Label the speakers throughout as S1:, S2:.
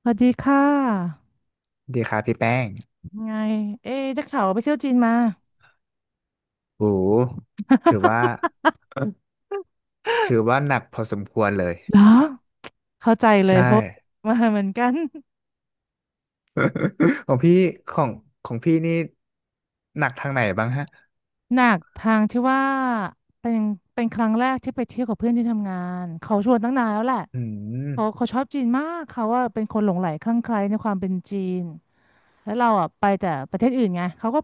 S1: สวัสดีค่ะ
S2: ดีครับพี่แป้ง
S1: ไงเอ๊ะได้ข่าวว่าไปเที่ยวจีนมา
S2: โอ้โหถือว่า หนักพอสมควรเลย
S1: เหรอเข้าใจเลย
S2: ใช่
S1: เพราะมาเหมือนกัน
S2: ของพี่ของของพี่นี่ หนักทางไหนบ้างฮะ
S1: หนักทางที่ว่าเป็นเป็นครั้งแรกที่ไปเที่ยวกับเพื่อนที่ทำงานเขาชวนตั้งนานแล้วแหละ
S2: อืม
S1: เขาชอบจีนมากเขาว่าเป็นคนหลงใหลคลั่งไคล้ในความเป็นจีนแล้วเราอ่ะไปแต่ประเทศอื่นไงเขาก็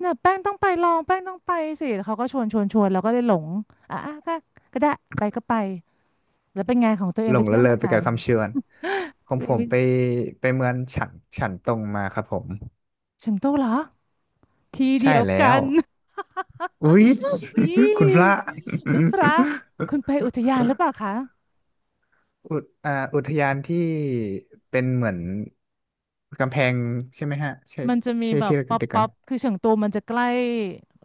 S1: เนี่ยแป้งต้องไปลองแป้งต้องไปสิแล้วเขาก็ชวนเราก็เลยหลงอ่ะก็ก็ได้ไปก็ไปแล้วเป็นไงของตัวเอ
S2: ห
S1: ง
S2: ล
S1: ไป
S2: ง
S1: เที่
S2: ละ
S1: ยว
S2: เล
S1: เมื
S2: ย
S1: อง
S2: ไป
S1: ไหน
S2: กับคำเชิญของผมไปเมืองฉันตรงมาครับผม
S1: เฉิงโตูเหรอที่
S2: ใช่
S1: เดียว
S2: แล้
S1: กั
S2: ว
S1: น
S2: อุ๊ย
S1: อุ้ย
S2: คุณพระ
S1: คุณพระคุณไปอุทยานหรือเปล่าคะ
S2: อุทยานที่เป็นเหมือน กำแพงใช่ไหมฮะ ใช่
S1: มันจะมี
S2: ใช่
S1: แบบ
S2: ที่เรา
S1: ป๊อป
S2: เด็กกั
S1: ป๊อ
S2: น
S1: ปคือเฉิงตูมันจะใกล้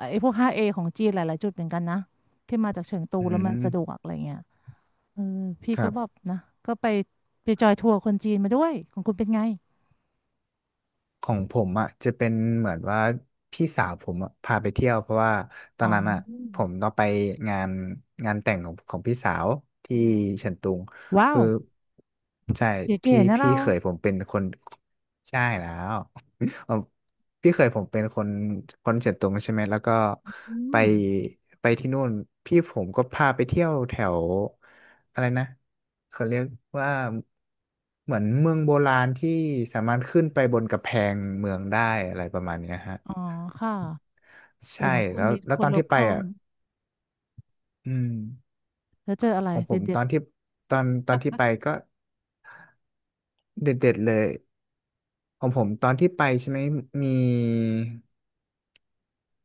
S1: ไอ้พวก 5A ของจีนหลาย ๆ จุดเหมือนกันนะที่มาจากเฉิงตู
S2: อื
S1: แล้วมันสะดวก
S2: ม
S1: อะไรเงี้ยเออพี่
S2: ค
S1: ก็
S2: รั
S1: แบบ
S2: บ
S1: นะก็ไปไปจอยทัวร์คนจีนมาด้วยของคุณเป็นไง
S2: ของผมอ่ะจะเป็นเหมือนว่าพี่สาวผมอะพาไปเที่ยวเพราะว่าตอ
S1: อ๋อ
S2: นนั้นอ่ะ
S1: อืม
S2: ผมต้องไปงานแต่งของพี่สาว
S1: อื
S2: ที่
S1: อหือ
S2: เฉินตุง
S1: ว้าว
S2: คือใช่
S1: เก๋
S2: พี่
S1: ๆนะเรา
S2: ใช่แล้วเอ่อพี่เคยผมเป็นคนเฉินตุงใช่ไหมแล้วก็
S1: อื
S2: ไป
S1: ม
S2: ที่นู่นพี่ผมก็พาไปเที่ยวแถวอะไรนะเขาเรียกว่าเหมือนเมืองโบราณที่สามารถขึ้นไปบนกำแพงเมืองได้อะไรประมาณเนี้ยฮะ
S1: อ๋อค่ะเอ
S2: ใช่
S1: อของคุ
S2: แล้
S1: ณ
S2: ว
S1: มี
S2: แล้ว
S1: ค
S2: ต
S1: น
S2: อน
S1: โล
S2: ที่ไป
S1: คอล
S2: อ่ะ
S1: เนอะ
S2: อืม
S1: แล้วเจออะไร
S2: ของผม
S1: เด็
S2: ต
S1: ด
S2: อนที่ตอนที่ไปก็เด็ดๆเลยของผมตอนที่ไปใช่ไหมมี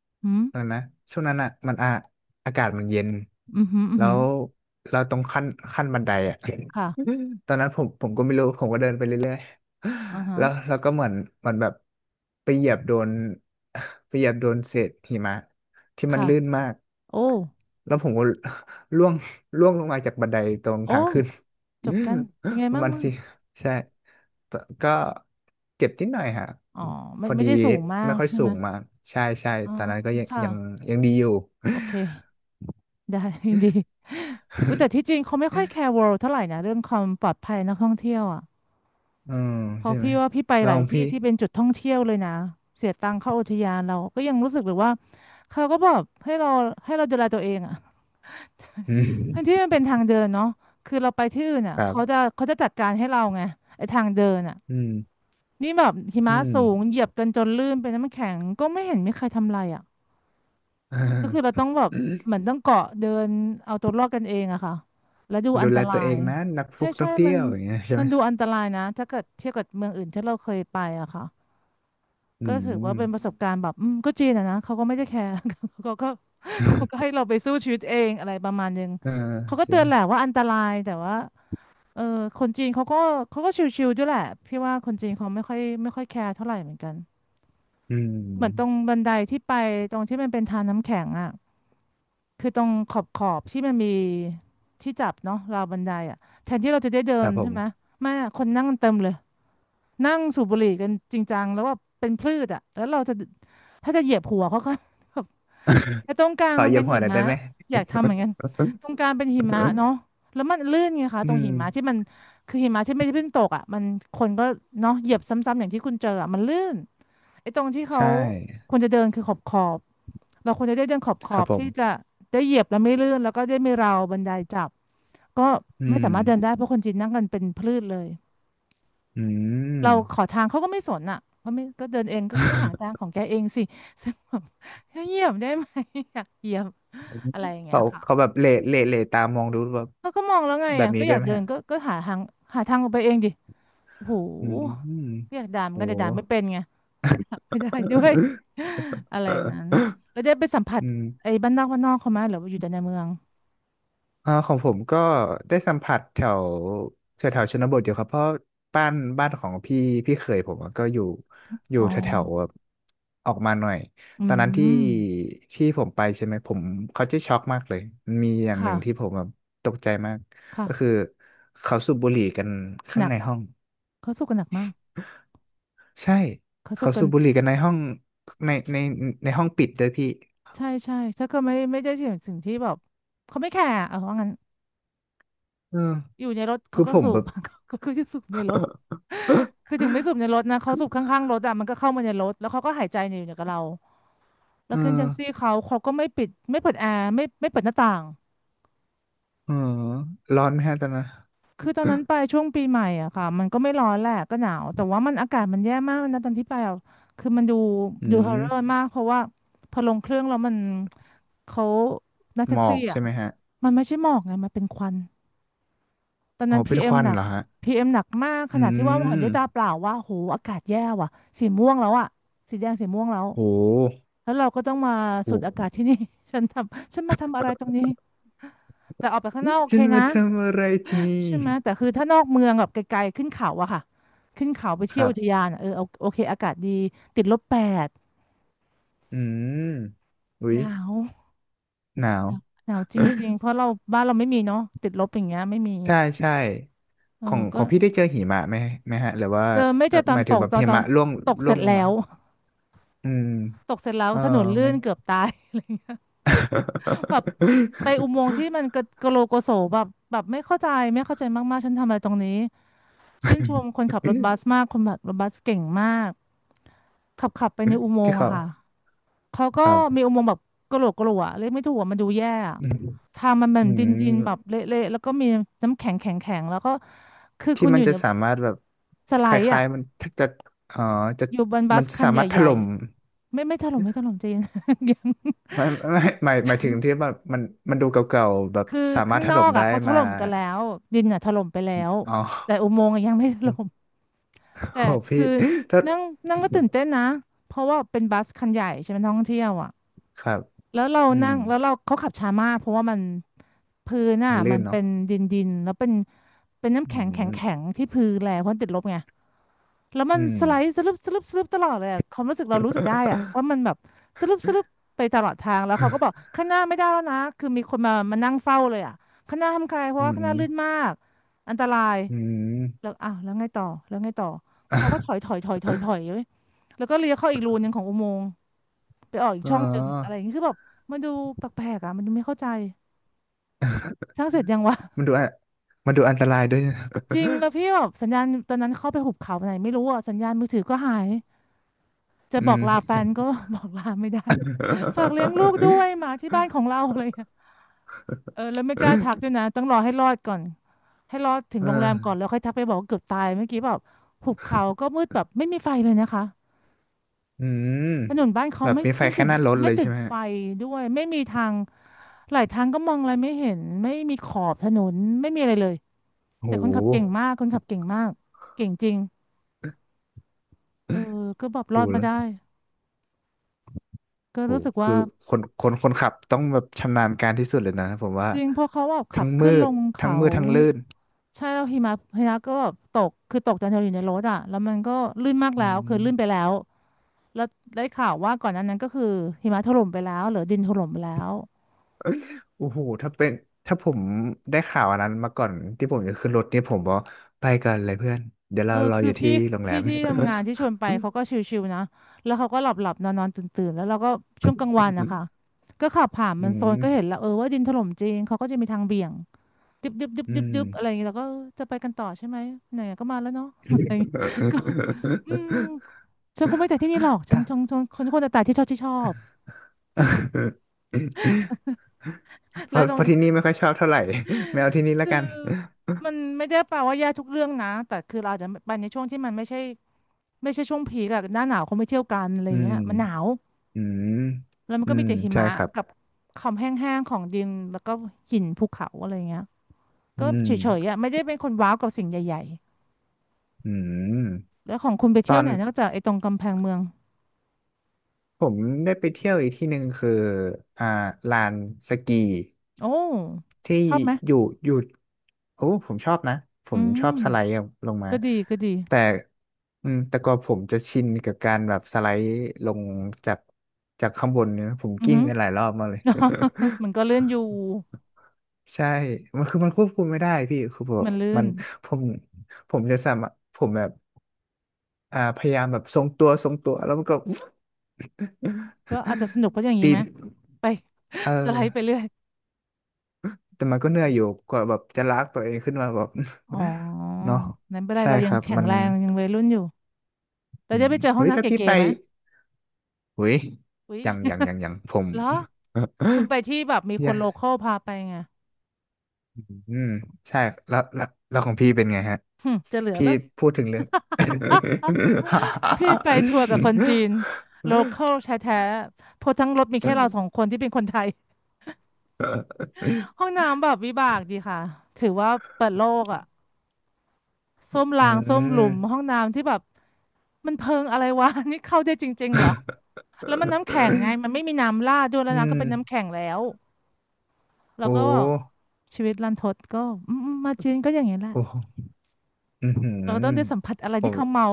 S1: ๆอืม
S2: ตอนนั่นนะช่วงนั้นอ่ะมันอ่ะอากาศมันเย็น
S1: อืมอหืมออือ
S2: แล้
S1: หือ
S2: วเราตรงขั้นบันไดอ่ะ
S1: ค่ะ
S2: ตอนนั้นผมก็ไม่รู้ผมก็เดินไปเรื่อย
S1: อ่า
S2: ๆ
S1: ฮะ
S2: แล้วเราก็เหมือนแบบไปเหยียบโดน ไปเหยียบโดนเศษหิมะที่มัน
S1: ค่ะ
S2: ลื่นมาก
S1: โอ้
S2: แล้วผมก็ ร่วงล่วงลงมาจากบันไดตรง
S1: โอ้
S2: ทางขึ้น
S1: จบกันเป็นไง
S2: ประ
S1: บ้าง
S2: มาณ
S1: มั่ง
S2: สิ ใช่แต่ก็เจ็บนิดหน่อยฮะ
S1: อ๋อ
S2: อืม
S1: ไม่
S2: พอ
S1: ไม่
S2: ดี
S1: ได้สูงมา
S2: ไม่
S1: ก
S2: ค่อย
S1: ใช่
S2: สู
S1: ไหม
S2: งมากใช่ใช่
S1: อ๋อ
S2: ตอนนั้นก็ยัง
S1: ค่ะ
S2: ยังดีอยู่
S1: โอเค ได้ ดีอุ๊ยแต่ที่จริงเขาไม่ค่อยแคร์ World เท่าไหร่นะเรื่องความปลอดภัยนักท่องเที่ยวอ่ะ
S2: อืม
S1: เพราะ
S2: ใช่ไหม
S1: พี่ว่าพี่ไป
S2: แล้
S1: ห
S2: ว
S1: ลา
S2: ข
S1: ย
S2: อง
S1: ที่
S2: พี่
S1: ที่เป็นจุดท่องเที่ยวเลยนะ เสียตังค์เข้าอุทยานเราก็ยังรู้สึกเลยว่าเขาก็บอกให้เราดูแลตัวเองอ่ะ
S2: อื
S1: ทั้งที่
S2: ม
S1: มันเป็นทางเดินเนาะคือเราไปที่อื่นอ่ะ
S2: ครั
S1: เขาจะ
S2: บ
S1: เขาจะจัดการให้เราไงไอ้ทางเดินอ่ะ
S2: อืม
S1: นี่แบบหิ
S2: อื
S1: มะ
S2: ม
S1: สูงเหยียบกันจนลื่นเป็นน้ำแข็งก็ไม่เห็นมีใครทำอะไรอ่ะก็คือ เรา
S2: เอ
S1: ต้องแบบเห
S2: อ
S1: มือนต้องเกาะเดินเอาตัวรอดกันเองอะค่ะแล้วดูอั
S2: ดู
S1: นต
S2: แล
S1: รา
S2: ตัวเอ
S1: ย
S2: งนะนักพ
S1: ใช่
S2: วกท่
S1: ใช่
S2: องเที่
S1: มัน
S2: ยวอย่างเงี้ยใช่
S1: มั
S2: ไห
S1: น
S2: ม
S1: ดูอันตรายนะถ้าเกิดเทียบกับเมืองอื่นที่เราเคยไปอะค่ะ
S2: อื
S1: ก็ถือ
S2: ม
S1: ว่าเป็นประสบการณ์แบบอืมก็จีนอะนะเขาก็ไม่ได้แคร์ เขาก็เขาก็ให้ เราไปสู้ชีวิตเองอะไรประมาณนึง
S2: เออ
S1: เขาก็
S2: ใช่
S1: เตือนแหละว่าอันตรายแต่ว่าเออคนจีนเขาก็เขาก็ชิวๆด้วยแหละพี่ว่าคนจีนเขาไม่ค่อยแคร์เท่าไหร่เหมือนกัน
S2: อื
S1: เหมือนตรง
S2: ม
S1: บันไดที่ไปตรงที่มันเป็นทางน้ำแข็งอ่ะคือตรงขอบที่มันมีที่จับเนาะราวบันไดอ่ะแทนที่เราจะได้เดิ
S2: ค
S1: น
S2: รับผ
S1: ใช่ไหม
S2: ม
S1: ไม่อะคนนั่งกันเต็มเลยนั่งสูบบุหรี่กันจริงจังแล้วว่าเป็นพืชอ่ะแล้วเราจะถ้าจะเหยียบหัวเขาก็ แบบไอ้ตรงกลา
S2: ข
S1: ง
S2: อ
S1: มัน
S2: เยี่ย
S1: เป็
S2: ม
S1: น
S2: หัว
S1: หิ
S2: หน่อย
S1: มะ
S2: ได้ไหม
S1: อยากทำเหมือนกันตรงกลางเป็นหิ มะเนาะแล้วมันลื่นไงคะ
S2: อื
S1: ตรง
S2: ม
S1: หิมะที่มันคือหิมะที่ไม่ได้เพิ่งตกอ่ะมันคนก็เนาะเหยียบซ้ำๆอย่างที่คุณเจออ่ะมันลื่นไอ้ตรงที่เขา
S2: ใช่
S1: ควรจะเดินคือขอบ เราควรจะได้เดินขอบข
S2: ค
S1: อ
S2: รับ
S1: บ
S2: ผ
S1: ที่จะ
S2: ม
S1: ได้เหยียบแล้วไม่ลื่นแล้วก็ได้ไม่ราวบันไดจับก็
S2: อื
S1: ไม่
S2: ม
S1: สามารถเดินได้เพราะคนจีนนั่งกันเป็นพืชเลย
S2: อืม
S1: เราขอทางเขาก็ไม่สนอ่ะเขาไม่ก็เดินเองก็แก้วหาทางของแกเองสิซึ่งแบบ เหยียบได้ไหม อยากเหยียบอะไรอย่างเงี้
S2: เขา
S1: ยค่ะ
S2: แบบเหล่ตามองดูแบบ
S1: เขาก็มองแล้วไง
S2: แบบ
S1: อ่ะ
S2: นี้
S1: ก็
S2: ด้
S1: อ
S2: วย
S1: ยาก
S2: ไหม
S1: เดิน
S2: ฮะ
S1: ก็หาทางหาทางออกไปเองดิโอ้โห
S2: อืม
S1: ก็อยากด่าเหมอน
S2: โอ้
S1: กันแต่ด่าไม่เป็นไงไม่ได้ด้วยอะไรอย่างนั้น แล้วได้ไปสัมผัส
S2: อืม
S1: ไอ้บ้านนอกเขาไหมหรือว่าอยู่แต่ในเมือง
S2: อ่าของผมก็ได้สัมผัสแถวแถวแถวชนบทอยู่ครับเพราะบ้านของพี่เขยผมอะก็อยู่
S1: อ๋อ
S2: แถวแถวแบบออกมาหน่อย
S1: อื
S2: ตอนนั้นที่
S1: ม
S2: ผมไปใช่ไหมผมเขาจะช็อกมากเลย มีอย่างหนึ่งที่
S1: ค่ะ
S2: ผมแบบตกใจมาก
S1: ค่ะ
S2: ก็คือเขาสูบบุหรี่กัน
S1: ห
S2: ข้าง
S1: นัก
S2: ในห้อง
S1: เขาสู้กันหนักมาก
S2: ใช่
S1: เขาสู้
S2: เขา
S1: กั
S2: สู
S1: น
S2: บบุหรี่กันในห้องในในในห้องปิดเวยพี่
S1: ใช่ใช่ถ้าก็ไม่ได้ถึงสิ่งที่แบบเขาไม่แคร์อะเอาว่างั้น
S2: เออ
S1: อยู่ในรถเขา
S2: คือ
S1: ก็
S2: ผม
S1: สู
S2: แบ
S1: บ
S2: บ
S1: ก็คือจะสูบในรถคือ ถึงไม่สูบในรถนะเขาสูบข้างๆรถอะมันก็เข้ามาในรถแล้วเขาก็หายใจอยู่กับเราแล้ว
S2: เอ
S1: ขึ้นแท็
S2: อ
S1: กซี่เขาก็ไม่ปิดไม่เปิดแอร์ไม่เปิดหน้าต่าง
S2: เออร้อนไหมฮะตอนนั้น
S1: คือตอนนั้นไปช่วงปีใหม่อะค่ะมันก็ไม่ร้อนแหละก็หนาวแต่ว่ามันอากาศมันแย่มากเลยนะตอนที่ไปอะคือมันดู
S2: อื
S1: ดูฮอร์
S2: ม
S1: เรอร์มากเพราะว่าพอลงเครื่องแล้วมันเขานักแท็
S2: หม
S1: ก
S2: อ
S1: ซี่
S2: ก
S1: อะ
S2: ใช่ไหมฮะ
S1: มันไม่ใช่หมอกไงมันเป็นควันตอน
S2: โห
S1: นั้นพี
S2: เป็น
S1: เอ็
S2: ค
S1: ม
S2: วั
S1: ห
S2: น
S1: นั
S2: เห
S1: ก
S2: รอฮะ
S1: พีเอ็มหนักมากข
S2: อื
S1: นาดที่ว่าเห็น
S2: ม
S1: ด้วยตาเปล่าว่าโหอากาศแย่ว่ะสีม่วงแล้วอะสีแดงสีม่วงแล้ว
S2: โห
S1: แล้วเราก็ต้องมาสูด
S2: โห
S1: อากาศที่นี่ ฉันทำฉันมาทำอะไรตรงนี้แต่ออกไปข้างนอกโอ
S2: ฉั
S1: เค
S2: น
S1: นะ
S2: มาทำอะไรที่นี่
S1: ใช่ไหมแต่คือถ้านอกเมืองแบบไกลๆขึ้นเขาอะค่ะขึ้นเขาไป
S2: ค
S1: เที่ยว
S2: รั
S1: อุทยา
S2: บ
S1: นอะเออเอาโอเคอากาศดีติดลบ8
S2: อืมอุ๊
S1: ห
S2: ย
S1: นาว
S2: หนาว
S1: หนาวหนาวจริงๆเพราะเราบ้านเราไม่มีเนาะติดลบอย่างเงี้ยไม่มี
S2: ใช่ใช่
S1: เอ
S2: ขอ
S1: อ
S2: ง
S1: ก็
S2: พี่ได้เจอหิมะไหมไหมฮะหรือว่า
S1: เจอไม่เจอต
S2: ห
S1: อน
S2: มาย
S1: ต
S2: ถึง
S1: ก
S2: แบบ
S1: ตอน
S2: หิ
S1: ตอน
S2: มะร่วง
S1: ตกเส
S2: ร่
S1: ร็
S2: วง
S1: จ
S2: ลง
S1: แล้
S2: มา
S1: ว
S2: อืม
S1: ตกเสร็จแล้ว
S2: เออ
S1: ถนนลื่
S2: ไม่
S1: นเกือบตาย แบบไปอุโมงค์ที่มันกระกะโลโกโสแบบไม่เข้าใจไม่เข้าใจมากๆฉันทำอะไรตรงนี้ ชื่นชมคนขับรถบั สมากคนขับรถบัสเก่งมากขับไปในอุโม
S2: ที่
S1: งค์อะ
S2: เขา
S1: ค่ะ เขาก็
S2: ครั
S1: มี
S2: บ
S1: อุโมงค์แบบกระโหลกกระโหลกอะเรียกไม่ถูกอะมันดูแย่อะ
S2: อืม
S1: ทางมันแบ
S2: อื
S1: บดินดิน
S2: ม
S1: แบบเละๆแล้วก็มีน้ำแข็งแข็งแข็งแล้วก็คือ
S2: ที่
S1: คุณอ
S2: มัน
S1: ยู่
S2: จะ
S1: ใน
S2: สามารถแบบ
S1: สไล
S2: ค
S1: ด์
S2: ล้า
S1: อะ
S2: ยๆมันถ้าจะเอ๋อจะ
S1: อยู่บนบั
S2: มั
S1: ส
S2: น
S1: คัน
S2: สา
S1: ใ
S2: มารถถ
S1: หญ่
S2: ล่ม
S1: ๆไม่ถล่มไม่ถล่มใจเย็น ยัง
S2: ไม่หมายถึงที่แบบมันดูเก่าๆแบบ
S1: คือ
S2: สามาร
S1: ข้าง
S2: ถถ
S1: นอ
S2: ล่ม
S1: ก
S2: ได้
S1: อะเขาถ
S2: มา
S1: ล่มกันแล้วดินอะถล่มไปแล้ว
S2: อ๋
S1: แต่
S2: อ
S1: อุโมงค์อะยังไม่ถล่ม แต่
S2: โอ้พี่
S1: คือ
S2: ถ้า
S1: นั่งนั่งก็ตื่นเต้นนะเพราะว่าเป็นบัสคันใหญ่ใช่ไหมท่องเที่ยวอ่ะ
S2: ครับ
S1: แล้วเรา
S2: อืม
S1: นั่งแล้วเราเขาขับช้ามากเพราะว่ามันพื้นอ่ะ
S2: มัน
S1: มั
S2: ลื่
S1: น
S2: น
S1: เป็
S2: เนาะ
S1: นดินดินแล้วเป็นน้ำ
S2: อื
S1: แข็งแข็ง
S2: ม
S1: แข็งที่พื้นแหละเพราะติดลบไงแล้วมั
S2: อื
S1: น
S2: ม
S1: สไลด์สลึบสลึบสลึบตลอดเลยอะความรู้สึกเรารู้สึกได้อ่ะว่ามันแบบสลึบสลึบไปตลอดทางแล้วเขาก็บอกข้างหน้าไม่ได้แล้วนะคือมีคนมานั่งเฝ้าเลยอ่ะข้างหน้าทำใครเพราะ
S2: อื
S1: ว่าข้างห
S2: ม
S1: น้าลื่นมากอันตราย
S2: อืม
S1: แล้วอ้าวแล้วไงต่อแล้วไงต่อเขาก็ถ อยถอยถอยถอยถอยเลยแล้วก็เลี้ยวเข้าอีกรูนึงของอุโมงค์ไปออกอีก
S2: อ๋
S1: ช่องหนึ่งอะไรอ
S2: อ
S1: ย่างนี้คือแบบมันดูแปลกๆอ่ะมันดูไม่เข้าใจสร้างเสร็จยังวะ
S2: มันดูอะมันดูอันตรายด้วย
S1: จริงแล้ว พี่แบบสัญญาณตอนนั้นเข้าไปหุบเขาไหนไม่รู้อ่ะสัญญาณมือถือก็หายจะ
S2: อื
S1: บอก
S2: ม
S1: ลาแฟนก็ บอกลาไม่ได้ฝากเลี้ยงลูกด้วย หมาที่บ้านของเราอะไรอย่างเลยเออแล้วไม่กล้าทักด้วยนะต้องรอให้รอดก่อนให้รอดถึง
S2: เอ
S1: โร
S2: อ
S1: งแรมก่อนแล้วค่อยทักไปบอกว่าเกือบตายเมื่อกี้แบบหุบเขาก็มืดแบบไม่มีไฟเลยนะคะ
S2: อืม
S1: ถนนบ้านเขา
S2: แบบมีไฟแค่หน้ารถ
S1: ไม่
S2: เลย
S1: ติ
S2: ใช่
S1: ด
S2: ไหม
S1: ไฟ
S2: ฮะ
S1: ด้วยไม่มีทางหลายทางก็มองอะไรไม่เห็นไม่มีขอบถนนไม่มีอะไรเลย
S2: โ
S1: แต่คนขับเก่ง
S2: ห
S1: มากคนขับเก่งมากเก่งจริงเออก็แบบร
S2: โห
S1: อดมา
S2: แล้ว
S1: ได้ก็
S2: โห
S1: รู้สึก
S2: คื
S1: ว่า
S2: อคนขับต้องแบบชำนาญการที่สุดเลยนะผมว่า
S1: จริงเพอเขาแบบ
S2: ทั้
S1: ขั
S2: ง
S1: บ
S2: มื
S1: ขึ้นล
S2: ด
S1: ง
S2: ทั้ง
S1: เขา
S2: มืดทั้งลื่น
S1: ใช่แล้วหิมะก็แบบตกคือตกตอนเราอยู่ในรถอ่ะแล้วมันก็ลื่นมาก
S2: อื
S1: แล้วคือลื่นไป
S2: ม
S1: แล้วแล้วได้ข่าวว่าก่อนหนั้นนั้นก็คือหิมะถล่มไปแล้วหรือดินถล่มไปแล้ว
S2: โอ้โหถ้าเป็นถ้าผมได้ข่าวอันนั้นมาก่อนที่ผมจะขึ้นรถนี่ผมบอกไปกันเลยเพื่อน เดี๋ยว
S1: เออ
S2: เรารอ
S1: คื
S2: อ
S1: อ
S2: ยู่
S1: พี่
S2: ที่โรงแร
S1: พี่
S2: ม
S1: ที่ทำงานที่ชวนไปเขาก็ชิวๆนะแล้วเขาก็หลับๆนอนๆตื่นๆแล้วเราก็ช่วงกลางวันนะคะ ก็ขับผ่านมั
S2: อื
S1: นโซน
S2: ม
S1: ก็เห็นแล้วเออว่าดินถล่มจริงเขาก็จะมีทางเบี่ยงดึบดึบดึบ
S2: อื
S1: ดึบ
S2: ม
S1: ดึบอะไรอย่างเงี้ยแล้ก็เออจะไปกันต่อใช่ไหมไหนๆก็มาแล้วเนาะ อะไรอย่างเงี้ย ก็ อืมฉันคงไม่แต่ที่นี่หรอกฉัน
S2: ถ้า
S1: ชงชงคนคนแต่ที่ชอบที่ชอบ
S2: เพ
S1: แล้ว
S2: ราะ
S1: ตร
S2: เพ
S1: ง
S2: ราะที่นี่ไม่ค่อยชอบเท่าไหร่ ไม่เอาที่นี่แล้ว
S1: คือ
S2: กัน
S1: มันไม่ได้แปลว่าแย่ทุกเรื่องนะแต่คือเราอาจจะไปในช่วงที่มันไม่ใช่ช่วงผีคอะหน้าหนาวเขาไม่เที่ยวกันอะไรอ
S2: อื
S1: ย่าง
S2: ม
S1: เงี้ยมันหนาว
S2: อืม
S1: แล้วมัน
S2: อื
S1: ก็มี
S2: ม
S1: แต่หิ
S2: ใช่
S1: มะ
S2: ครับ
S1: กับความแห้งๆของดินแล้วก็หินภูเขาอะไรเงี้ย
S2: อื
S1: ก็เฉ
S2: ม
S1: ยๆอ่ะไม่ได้เป็นคนว้าวกับสิ่งใหญ่
S2: อืม
S1: ๆแล้วของคุณไป
S2: ต
S1: เที่ย
S2: อ
S1: ว
S2: น
S1: ไหนนอกจากไอ้ตรงกำแพงเมือง
S2: ผมได้ไปเที่ยวอีกที่หนึ่งคืออ่าลานสกี
S1: โอ้
S2: ที่
S1: ชอบไหม
S2: อยู่อยู่โอ้ผมชอบนะผ
S1: อื
S2: มชอ
S1: ม
S2: บสไลด์ลงมา
S1: ก็ดีก็ดี
S2: แต่อืมแต่ก็ผมจะชินกับการแบบสไลด์ลงจากข้างบนเนี่ยผม
S1: อือ
S2: กิ้ง
S1: หือ
S2: ไปหลายรอบมากเลย
S1: มันก็ เลื่อนอยู่
S2: ใช่มันคือมันควบคุมไม่ได้พี่คือแบบ
S1: มันลื่
S2: มั
S1: น
S2: นผมผมจะสามารถผมแบบอ่าพยายามแบบทรงตัวทรงตัวแล้วมันก็
S1: ก็อาจจะสนุกเพราะอย่างนี้
S2: ตี
S1: ไหม
S2: น
S1: ไป
S2: เออ
S1: สไลด์ไปเรื่อย
S2: แต่มันก็เหนื่อยอยู่กว่าแบบจะลากตัวเองขึ้นมาแบบ
S1: อ๋อ
S2: เนาะ
S1: นั้นไม่เป็นไร
S2: ใช่
S1: เรา
S2: ค
S1: ยัง
S2: รับ
S1: แข็ง
S2: มัน
S1: แรงยังวัยรุ่นอยู่เรา
S2: อื
S1: จะ
S2: ม
S1: ไปเจอห้อง
S2: เฮ้ย
S1: น้ำ
S2: ถ้าพี่
S1: เก๋
S2: ไป
S1: ๆไหม
S2: เฮ้ย
S1: อุ๊ย
S2: ยังยังผม
S1: เหรอคุณไปที่แบบมี ค
S2: ย่า
S1: นโลคอลพาไปไง
S2: อืมใช่แล้วของพี่เป็นไงฮะ
S1: หึจะเหลือ
S2: พี่
S1: แล้ว
S2: พูดถึงเรื่อง
S1: พี่ไปทัวร์กับคนจีนโลคอลแท้ๆเพราะทั้งรถมีแค่เราสองคนที่เป็นคนไทย ห้องน้ำแบบวิบากดีค่ะถือว่าเปิดโลกอ่ะส้วม
S2: อื
S1: รางส้วมหลุมห้อ
S2: ม
S1: งน้ำที่แบบมันเพิงอะไรวะ นี่เข้าได้จริงๆเหรอแล้วมันน้ำแข็งไงมันไม่มีน้ำราดด้วยแล้ว
S2: อื
S1: น้ำก็
S2: ม
S1: เป็นน้ำแข็งแล้วแล้
S2: โอ
S1: วก็
S2: ้
S1: ชีวิตรันทดก็อืมๆมาจีนก็อย่างนี้แหละ
S2: โอ้อือหือ
S1: เราต้องได้สัมผัสอะไรที่เขา
S2: ผ
S1: เมา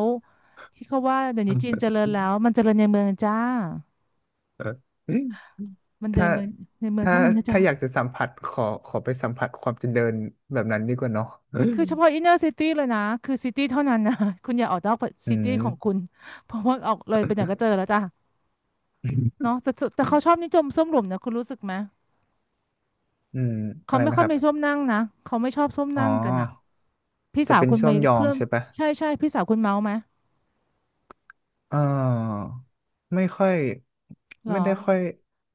S1: ที่เขาว่าเดี๋ยวนี้จีนเจริญแล้วมันเจริญในเมืองจ้า
S2: ม
S1: มันใน
S2: ถ้า
S1: เมืองในเมือง
S2: ถ้า
S1: เท่านั้นนะจ๊ะ
S2: อยากจะสัมผัสขอขอไปสัมผัสความเจริญแบบนั้นดีกว่าเนาะ
S1: คือเฉพาะ อินเนอร์ซิตี้เลยนะคือซิตี้เท่านั้นนะ คุณอย่าออกนอก
S2: อื
S1: ซิตี้
S2: ม
S1: ของคุณเพราะว่าออกเลยไปไหนก็เจอแล้วจ้ะเนาะแต่เขาชอบนิยมส้วมหลุมนะคุณรู้สึกไหม
S2: อืมอะ
S1: เขา
S2: ไร
S1: ไม่
S2: นะ
S1: ค่อ
S2: ค
S1: ย
S2: รับ
S1: มีส้วมนั่งนะเขาไม่ชอบส้วม
S2: อ๋อ
S1: นั่งกันอ่ะพี่
S2: จะ
S1: สาว
S2: เป็น
S1: คุณ
S2: ช่
S1: ไป
S2: วมยอง
S1: เพิ่ม
S2: ใช่ปะ
S1: ใช่ใช่พี่สาวคุณเมาไหม
S2: เออไม่ค่อย
S1: เหรอ
S2: ไม่ได้ค่อย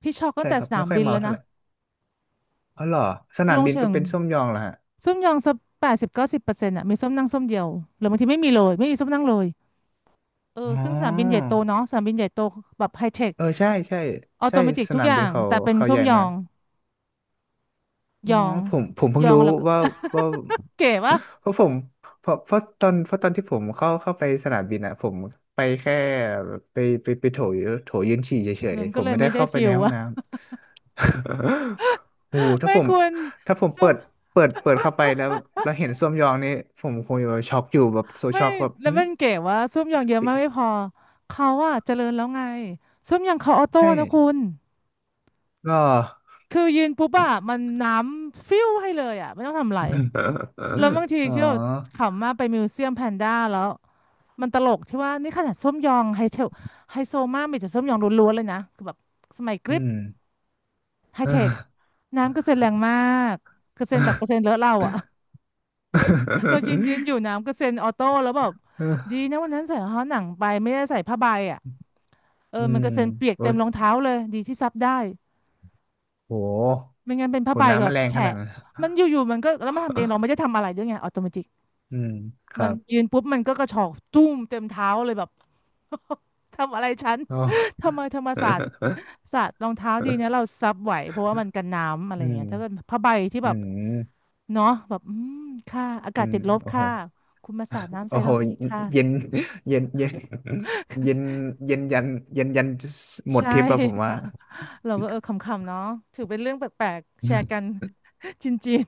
S1: พี่ช็อกตั้
S2: ใช่
S1: งแต่
S2: ครั
S1: ส
S2: บ
S1: นา
S2: ไม่
S1: ม
S2: ค่อย
S1: บิน
S2: เมา
S1: แล้ว
S2: เท่า
S1: นะ
S2: ไหร่อ๋อเหรอสนา
S1: ล
S2: ม
S1: ง
S2: บิน
S1: เชิ
S2: ก็
S1: ง
S2: เป็นช่วงยองเหรอฮะ
S1: ส้วมยองสัก80-90%อ่ะมีส้วมนั่งส้วมเดียวหรือบางทีไม่มีเลยไม่มีส้วมนั่งเลยเอ
S2: อ๋
S1: อซึ่งสนามบินใหญ่
S2: อ
S1: โตเนาะสนามบินใหญ่โตแบบไฮเทค
S2: เออใช่ใช่
S1: ออโต
S2: ใช่
S1: เมติก
S2: ส
S1: ทุก
S2: นาม
S1: อย่า
S2: บิน
S1: ง
S2: เขา
S1: แต่เป็นส้
S2: ให
S1: ม
S2: ญ่
S1: ยอ
S2: มาก
S1: งย
S2: อ่
S1: อง
S2: ผมเพิ่งรู้
S1: แล้วก็
S2: ว่าว่า
S1: เก๋วะ
S2: เพราะผมเพราะตอนที่ผมเข้าไปสนามบินอ่ะผมไปแค่ไปไปโถยืนฉี่เฉย
S1: มัน
S2: ๆผ
S1: ก็
S2: ม
S1: เลย
S2: ไม่ได้
S1: ไม่ได้
S2: เข้าไป
S1: ฟิ
S2: ใน
S1: ล
S2: ห้อง
S1: วะ
S2: น้ำ โอ้โห ถ้า
S1: ไม่
S2: ผม
S1: คุณ
S2: ถ้าผม
S1: ส้ม
S2: เปิดเข้าไปแล้วแล้วเห็นส้วมยองนี่ผมคงจะแบบช็อกอยู่แบบโซ
S1: ไม่
S2: ช็อกแบบ
S1: แล้
S2: อื
S1: ว
S2: ม
S1: มันเก๋วะส้มยองเยอะมากไม่
S2: ปิ
S1: พอเขาอะเจริญแล้วไงส้มยองเขาออโต้
S2: ใช่
S1: นะคุณ
S2: ก็
S1: คือยืนปุ๊บอะมันน้ำฟิวให้เลยอะไม่ต้องทำอะไรแล้วบาง ที
S2: อ๋อ
S1: ที่แบบขำมากไปมิวเซียมแพนด้าแล้วมันตลกที่ว่านี่ขนาดส้มยองไฮเทลไฮโซมากมีแต่ส้มยองล้วนๆเลยนะคือแบบสมัยก
S2: อื
S1: ริป
S2: ม
S1: ไฮเท ค น้ำกระเซ็นแรงมากกระเซ็นแบบกระเซ็นเลอะเราอะ เรายืนอยู่น้ำกระเซ็นออโต้แล้วแบบดี
S2: เออ
S1: นะวันนั้นใส่รองเท้าหนังไปไม่ได้ใส่ผ้าใบอะเออ
S2: อื
S1: มัน
S2: ม
S1: กระเซ็นเปียก
S2: โอ้
S1: เต็มรองเท้าเลยดีที่ซับได้
S2: โห
S1: ไม่งั้นเป็นผ้า
S2: โห
S1: ใบ
S2: น้ำ
S1: แบ
S2: มัน
S1: บ
S2: แรงข
S1: แฉะ
S2: นาดนั้น
S1: มันอยู่ๆมันก็แล้วมันทำเองเราไม่ได้ทำอะไรด้วยไงออโตเมติก
S2: อืมค
S1: มั
S2: รั
S1: น
S2: บ
S1: ยืนปุ๊บมันก็กระฉอกตุ้มเต็มเท้าเลยแบบ ทำอะไรฉัน
S2: โอ ้
S1: ทำไมธรรมศาสตร์ ศาสตร์รองเท้าดีนะเราซับไหวเพราะว่ามันกันน้ำอะไรอ
S2: อื
S1: ย่าง
S2: ม
S1: เงี้ยถ้าเป็นผ้าใบที่
S2: อื
S1: แบบ
S2: ม
S1: เนาะแบบอืมค่ะอา
S2: อื
S1: กาศ
S2: ม
S1: ติดลบ
S2: โอ้โห
S1: ค่ะคุณมาสาดน้ำ
S2: โอ้
S1: ใส่
S2: โห
S1: เราอีกค่ะ
S2: เย็นเย็นเย็นเย็นเย็นยันเย็นยันหมด
S1: ใช่
S2: ทริปอะผมว่า
S1: ค่ะเราก็เออขำๆเนาะถือเป็นเรื่องแปลกๆแชร์กัน จินจิน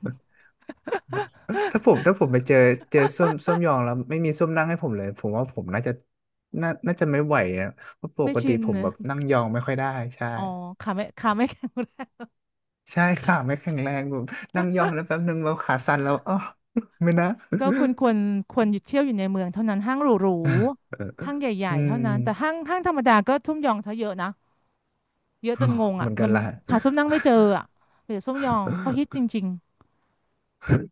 S2: ถ้าผม ถ้าผมไปเจอเจอส้วมส้วมยองแล้วไม่มีส้วมนั่งให้ผมเลยผมว่าผมน่าจะน่าน่าจะไม่ไหวอะเพราะป
S1: ไม่
S2: กติ
S1: ชิน
S2: ผม
S1: นะ
S2: แบบนั่งยองไม่ค่อยได้ใช่
S1: อ๋อขาไม่แข็งแรง
S2: ใช่ขาไม่แข็งแรงแบบนั่งย่องแล้วแป๊บนึงแบบขาสั่นแล้วอ๋อไม่นะ
S1: ก็ควรหยุดเที่ยวอยู่ในเมืองเท่านั้นห้างหรูๆห้างให
S2: อื
S1: ญ่ๆเท่านั้นแต่ห้า
S2: ม
S1: งห้างธรรมดาก็ทุ่มยองเธอเยอะนะเยอะจนงง
S2: เห
S1: อ่ะ
S2: มือนกั
S1: มั
S2: น
S1: น
S2: ล่ะ
S1: หาส้มนั่งไม่เจออ่ะเดี๋ยวส้มยองเขาฮิตจริงๆ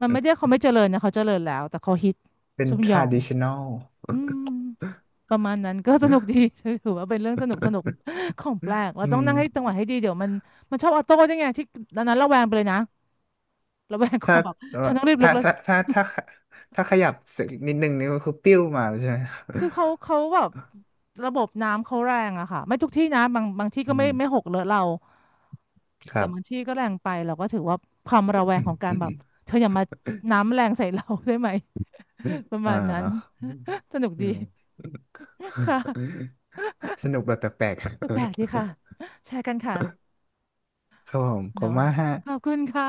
S1: มันไม่ได้เขาไม่เจริญนะเขาเจริญแล้วแต่เขาฮิต
S2: เป็น
S1: ซุมหยอง
S2: traditional
S1: อืมประมาณนั้นก็สนุกดี ถือว่าเป็นเรื่องสนุกสนุกของแปลกเรา
S2: อื
S1: ต้อง
S2: ม
S1: นั่งให้จังหวะให้ดีเดี๋ยวมันมันชอบออโต้ด้วยไงที่ตอนนั้นระแวงไปเลยนะระแวงค
S2: ถ้า
S1: วามแบบ
S2: เอ่อ
S1: ฉันต้องรีบลุก
S2: ถ้า
S1: แล้ว
S2: ถ้าถ้าถ้าถ้าขยับสักนิดนึงนี่ก็คือปิ้วมาแล้วใช่ไหม
S1: คือเขาแบบระบบน้ำเขาแรงอะค่ะไม่ทุกที่นะบางที่ ก็
S2: อื
S1: ไม่
S2: ม
S1: ไม่หกเลอะเรา
S2: ค
S1: แต่
S2: รั
S1: บาง
S2: บ
S1: ที่ก็แรงไปเราก็ถือว่าความระแวงของการแบบเธออย่ามาน้ำแรงใส่เรา ได้ไหม ประ
S2: อ่า
S1: มาณนั้น สนุก
S2: อื
S1: ดี
S2: ม
S1: ค่ะ
S2: สนุกแบบแปลกๆ
S1: แปลกๆดีค่ะ แชร์กันค่ะ
S2: ครับผมขอบคุณ
S1: เนาะ
S2: มากฮะ
S1: ขอบคุณค่ะ